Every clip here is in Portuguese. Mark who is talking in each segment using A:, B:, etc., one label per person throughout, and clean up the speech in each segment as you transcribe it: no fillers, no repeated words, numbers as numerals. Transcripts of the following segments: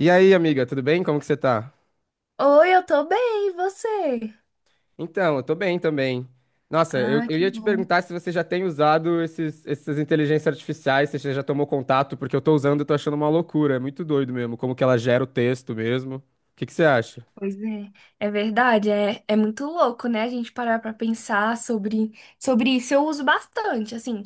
A: E aí, amiga, tudo bem? Como que você tá?
B: Oi, eu tô bem, e você?
A: Então, eu tô bem também. Nossa, eu,
B: Ah,
A: eu
B: que
A: ia te
B: bom.
A: perguntar se você já tem usado essas inteligências artificiais, se você já tomou contato, porque eu tô usando e tô achando uma loucura. É muito doido mesmo, como que ela gera o texto mesmo. O que que você acha?
B: Pois é, é verdade, é muito louco, né? A gente parar pra pensar sobre isso. Eu uso bastante, assim.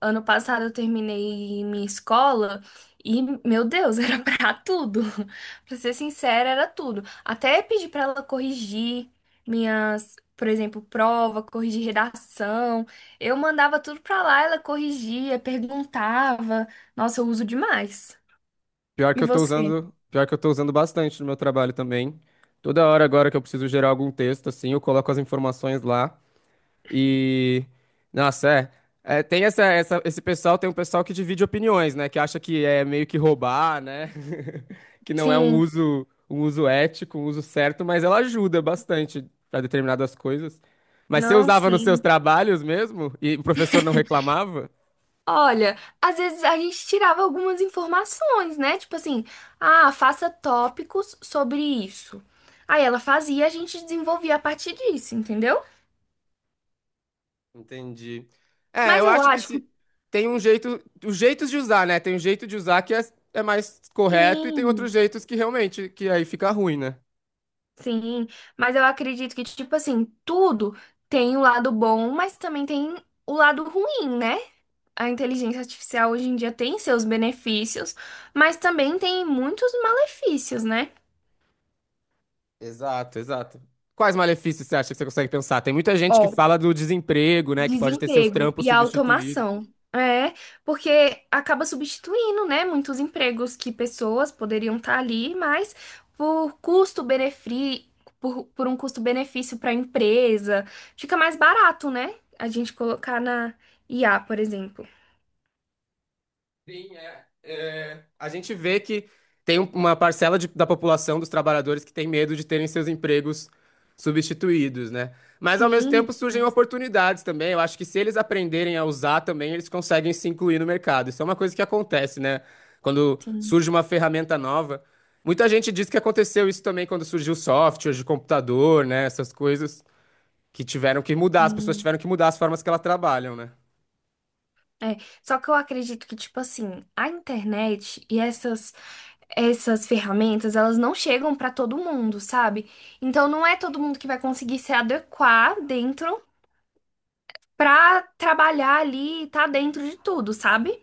B: Ano passado eu terminei minha escola e, meu Deus, era pra tudo. Pra ser sincera, era tudo. Até pedi pra ela corrigir minhas, por exemplo, prova, corrigir redação. Eu mandava tudo pra lá, ela corrigia, perguntava. Nossa, eu uso demais.
A: Pior que
B: E
A: eu tô
B: você?
A: usando, pior que eu tô usando bastante no meu trabalho também. Toda hora agora que eu preciso gerar algum texto, assim, eu coloco as informações lá. E nossa, É, tem esse pessoal, tem um pessoal que divide opiniões, né, que acha que é meio que roubar, né? Que não é
B: Sim,
A: um uso ético, um uso certo, mas ela ajuda bastante para determinadas coisas. Mas você
B: não,
A: usava nos seus
B: sim.
A: trabalhos mesmo e o professor não reclamava?
B: Olha, às vezes a gente tirava algumas informações, né? Tipo assim, ah, faça tópicos sobre isso. Aí ela fazia, e a gente desenvolvia a partir disso, entendeu?
A: Entendi. É,
B: Mas
A: eu
B: eu
A: acho que
B: acho que
A: se tem um jeito, os jeitos de usar, né? Tem um jeito de usar que é, é mais correto e tem outros
B: sim,
A: jeitos que realmente que aí fica ruim, né?
B: sim. Mas eu acredito que, tipo assim, tudo tem o lado bom, mas também tem o lado ruim, né? A inteligência artificial hoje em dia tem seus benefícios, mas também tem muitos malefícios, né?
A: Exato, exato. Quais malefícios você acha que você consegue pensar? Tem muita gente que
B: Ó,
A: fala do desemprego, né? Que pode ter seus
B: desemprego
A: trampos
B: e a
A: substituídos.
B: automação. É, porque acaba substituindo, né, muitos empregos que pessoas poderiam estar ali, mas por custo-benefício, por um custo-benefício para a empresa, fica mais barato, né? A gente colocar na IA, por exemplo.
A: Sim, é, é, a gente vê que tem uma parcela da população dos trabalhadores que tem medo de terem seus empregos substituídos, né? Mas ao mesmo
B: Sim,
A: tempo surgem
B: demais,
A: oportunidades também. Eu acho que se eles aprenderem a usar também, eles conseguem se incluir no mercado. Isso é uma coisa que acontece, né? Quando
B: sim.
A: surge uma ferramenta nova. Muita gente diz que aconteceu isso também quando surgiu software de computador, né? Essas coisas que tiveram que mudar, as pessoas
B: Sim.
A: tiveram que mudar as formas que elas trabalham, né?
B: É, só que eu acredito que, tipo assim, a internet e essas ferramentas, elas não chegam pra todo mundo, sabe? Então não é todo mundo que vai conseguir se adequar dentro pra trabalhar ali e tá dentro de tudo, sabe?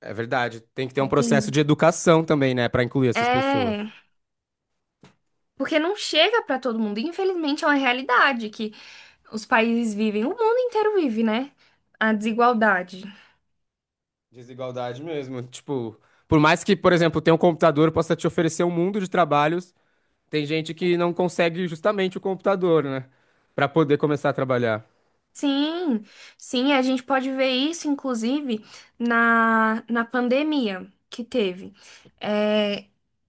A: É verdade. Tem que ter um
B: Entendo.
A: processo de educação também, né, pra incluir essas pessoas.
B: É, porque não chega pra todo mundo. Infelizmente é uma realidade que os países vivem, o mundo inteiro vive, né? A desigualdade.
A: Desigualdade mesmo. Tipo, por mais que, por exemplo, tenha um computador possa te oferecer um mundo de trabalhos, tem gente que não consegue justamente o computador, né, pra poder começar a trabalhar.
B: Sim, sim, a gente pode ver isso, inclusive, na pandemia que teve. É,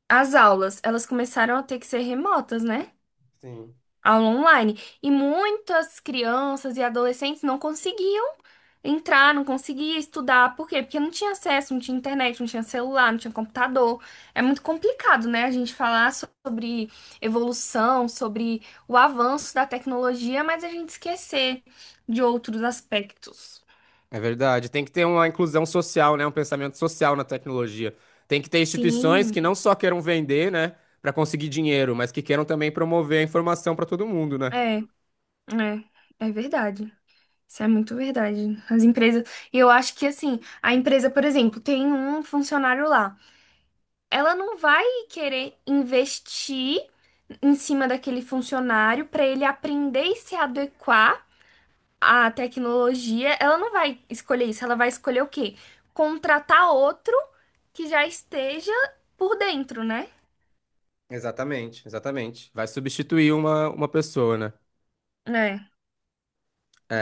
B: as aulas, elas começaram a ter que ser remotas, né?
A: Sim.
B: Aula online. E muitas crianças e adolescentes não conseguiam entrar, não conseguiam estudar. Por quê? Porque não tinha acesso, não tinha internet, não tinha celular, não tinha computador. É muito complicado, né, a gente falar sobre evolução, sobre o avanço da tecnologia, mas a gente esquecer de outros aspectos.
A: É verdade. Tem que ter uma inclusão social, né, um pensamento social na tecnologia. Tem que ter instituições que
B: Sim,
A: não só queiram vender, né, para conseguir dinheiro, mas que queiram também promover a informação para todo mundo, né?
B: é, é, é verdade. Isso é muito verdade. As empresas, eu acho que assim, a empresa, por exemplo, tem um funcionário lá. Ela não vai querer investir em cima daquele funcionário para ele aprender e se adequar à tecnologia. Ela não vai escolher isso, ela vai escolher o quê? Contratar outro que já esteja por dentro, né?
A: Exatamente, exatamente. Vai substituir uma pessoa, né?
B: É,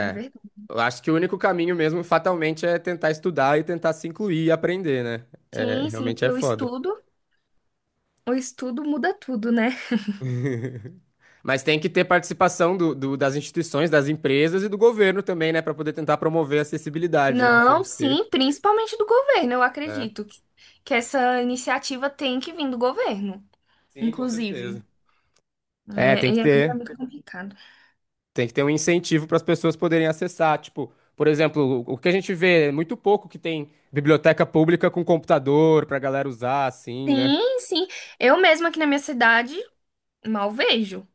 B: é verdade.
A: Eu acho que o único caminho mesmo, fatalmente, é tentar estudar e tentar se incluir e aprender, né? É,
B: Sim, sim,
A: realmente é
B: porque
A: foda.
B: o estudo muda tudo, né?
A: Mas tem que ter participação das instituições, das empresas e do governo também, né? Pra poder tentar promover a acessibilidade, né?
B: Não,
A: Oferecer.
B: sim, principalmente do governo, eu
A: É.
B: acredito que essa iniciativa tem que vir do governo,
A: Sim, com
B: inclusive.
A: certeza. É, tem
B: É, e
A: que
B: é
A: ter.
B: muito complicado.
A: Tem que ter um incentivo para as pessoas poderem acessar. Tipo, por exemplo, o que a gente vê é muito pouco que tem biblioteca pública com computador pra galera usar, assim, né?
B: Sim, sim. Eu mesma aqui na minha cidade mal vejo.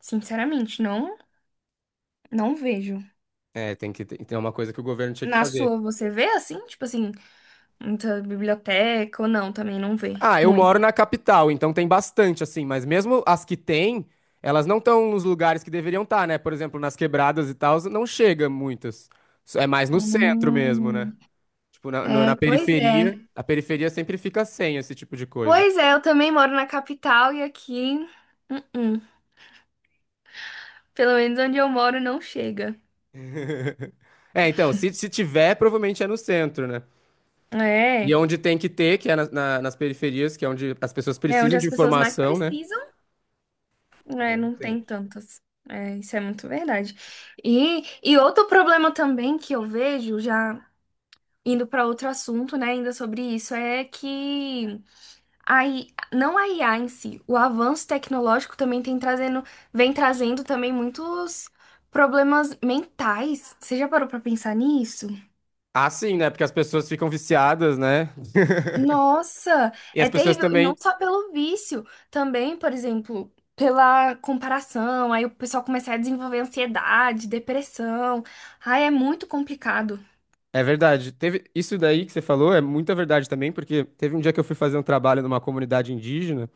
B: Sinceramente, não, não vejo.
A: É, tem que ter, tem uma coisa que o governo tinha que
B: Na
A: fazer.
B: sua você vê assim? Tipo assim, muita biblioteca ou não, também não vê.
A: Ah, eu
B: Muito.
A: moro na capital, então tem bastante, assim, mas mesmo as que tem, elas não estão nos lugares que deveriam estar, né? Por exemplo, nas quebradas e tal, não chega muitas. É mais no centro mesmo,
B: Hum,
A: né? Tipo, na, no- na
B: é, pois
A: periferia,
B: é.
A: a periferia sempre fica sem esse tipo de coisa.
B: Pois é, eu também moro na capital e aqui, uh-uh. Pelo menos onde eu moro não chega.
A: É, então, se tiver, provavelmente é no centro, né? E é
B: É,
A: onde tem que ter, que é nas periferias, que é onde as pessoas
B: é onde
A: precisam
B: as
A: de
B: pessoas mais
A: informação, né?
B: precisam,
A: Aí
B: né?
A: não
B: Não
A: tem.
B: tem tantas. É, isso é muito verdade. E outro problema também que eu vejo já. Indo para outro assunto, né, ainda sobre isso, é que a I- A, não a IA em si, o avanço tecnológico também tem trazendo, vem trazendo também muitos problemas mentais. Você já parou para pensar nisso?
A: Ah, sim, né? Porque as pessoas ficam viciadas, né?
B: Nossa,
A: E as
B: é
A: pessoas
B: terrível, e não
A: também.
B: só pelo vício, também, por exemplo, pela comparação, aí o pessoal começa a desenvolver ansiedade, depressão. Ai, é muito complicado.
A: É verdade. Teve isso daí que você falou é muita verdade também, porque teve um dia que eu fui fazer um trabalho numa comunidade indígena,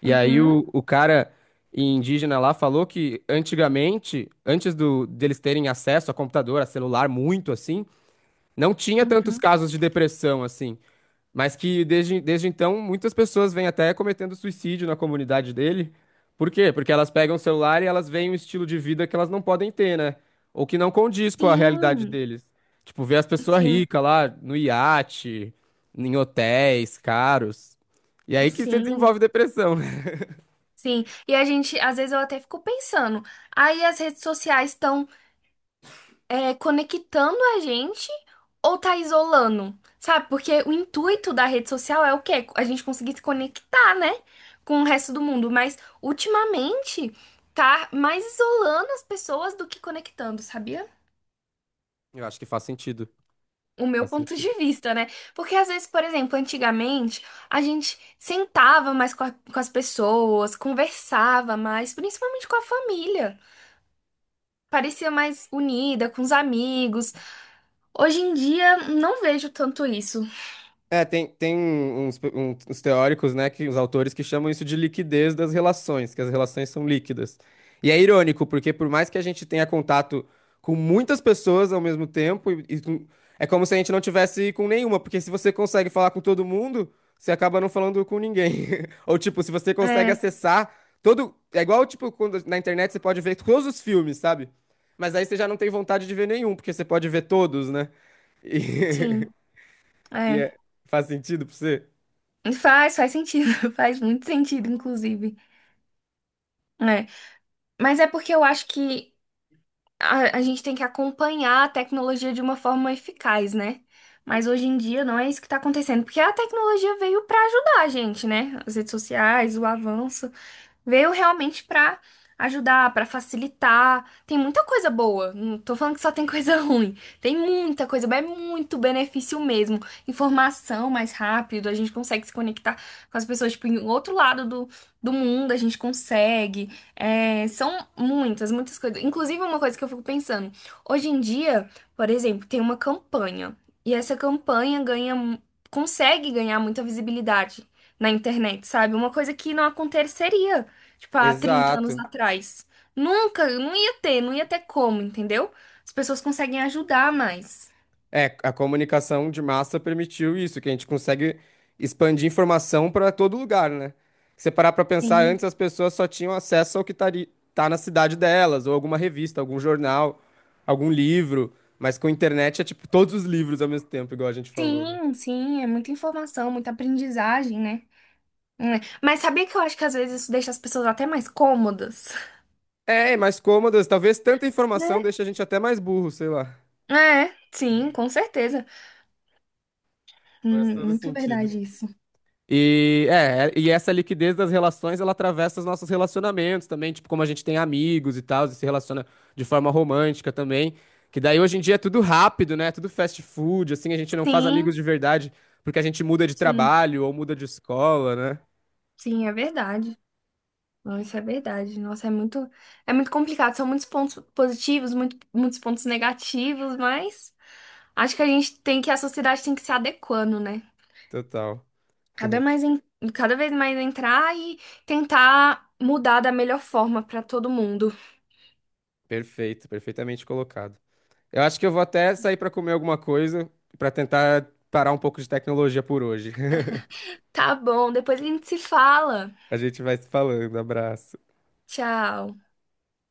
A: e aí
B: Uhum,
A: o cara indígena lá falou que antigamente, antes do deles terem acesso a computador, a celular, muito assim, não tinha tantos
B: uhum.
A: casos de depressão assim. Mas que desde então muitas pessoas vêm até cometendo suicídio na comunidade dele. Por quê? Porque elas pegam o celular e elas veem um estilo de vida que elas não podem ter, né? Ou que não condiz com a realidade
B: Sim,
A: deles. Tipo, ver as pessoas
B: sim,
A: ricas lá no iate, em hotéis caros. E aí que você
B: sim.
A: desenvolve depressão, né?
B: Sim, e a gente, às vezes eu até fico pensando, aí as redes sociais estão conectando a gente ou tá isolando? Sabe? Porque o intuito da rede social é o quê? A gente conseguir se conectar, né? Com o resto do mundo. Mas ultimamente tá mais isolando as pessoas do que conectando, sabia?
A: Eu acho que faz sentido.
B: O meu
A: Faz
B: ponto de
A: sentido.
B: vista, né? Porque às vezes, por exemplo, antigamente a gente sentava mais com as pessoas, conversava mais, principalmente com a família. Parecia mais unida com os amigos. Hoje em dia não vejo tanto isso.
A: É, tem, tem um, uns teóricos, né, que os autores que chamam isso de liquidez das relações, que as relações são líquidas. E é irônico, porque por mais que a gente tenha contato com muitas pessoas ao mesmo tempo, é como se a gente não tivesse com nenhuma, porque se você consegue falar com todo mundo, você acaba não falando com ninguém. Ou tipo, se você consegue
B: É,
A: acessar todo, é igual tipo quando na internet você pode ver todos os filmes, sabe? Mas aí você já não tem vontade de ver nenhum, porque você pode ver todos, né? E,
B: sim,
A: e
B: é.
A: é- faz sentido pra você?
B: Faz, faz sentido, faz muito sentido, inclusive. É. Mas é porque eu acho que a gente tem que acompanhar a tecnologia de uma forma eficaz, né? Mas hoje em dia não é isso que tá acontecendo, porque a tecnologia veio pra ajudar a gente, né? As redes sociais, o avanço. Veio realmente pra ajudar, pra facilitar. Tem muita coisa boa. Não tô falando que só tem coisa ruim. Tem muita coisa, boa, é muito benefício mesmo. Informação mais rápido, a gente consegue se conectar com as pessoas, tipo, em outro lado do mundo, a gente consegue. É, são muitas, muitas coisas. Inclusive, uma coisa que eu fico pensando. Hoje em dia, por exemplo, tem uma campanha. E essa campanha consegue ganhar muita visibilidade na internet, sabe? Uma coisa que não aconteceria. Tipo, há 30 anos
A: Exato.
B: atrás. Nunca, não ia ter, não ia ter como, entendeu? As pessoas conseguem ajudar mais.
A: É, a comunicação de massa permitiu isso, que a gente consegue expandir informação para todo lugar, né? Se você parar para pensar,
B: Sim,
A: antes as pessoas só tinham acesso ao que tá na cidade delas, ou alguma revista, algum jornal, algum livro, mas com internet é tipo todos os livros ao mesmo tempo, igual a gente falou, né?
B: sim, sim, é muita informação, muita aprendizagem, né? É. Mas sabia que eu acho que às vezes isso deixa as pessoas até mais cômodas,
A: É, é mais cômodas, talvez tanta
B: né?
A: informação deixe a gente até mais burro, sei lá.
B: É, sim, com certeza.
A: Faz todo
B: Muito
A: sentido.
B: verdade isso.
A: E essa liquidez das relações, ela atravessa os nossos relacionamentos também, tipo, como a gente tem amigos e tal, e se relaciona de forma romântica também, que daí hoje em dia é tudo rápido, né? Tudo fast food, assim, a gente não faz amigos
B: Sim,
A: de verdade porque a gente muda de
B: sim,
A: trabalho ou muda de escola, né?
B: sim, é verdade. Não, isso é verdade. Nossa, é muito complicado. São muitos pontos positivos, muito, muitos pontos negativos, mas acho que a gente tem que, a sociedade tem que se adequando, né?
A: Total.
B: Cada mais en- Cada vez mais entrar e tentar mudar da melhor forma pra todo mundo.
A: Perfeito, perfeitamente colocado. Eu acho que eu vou até sair pra comer alguma coisa pra tentar parar um pouco de tecnologia por hoje.
B: Tá bom, depois a gente se fala.
A: A gente vai se falando. Abraço.
B: Tchau.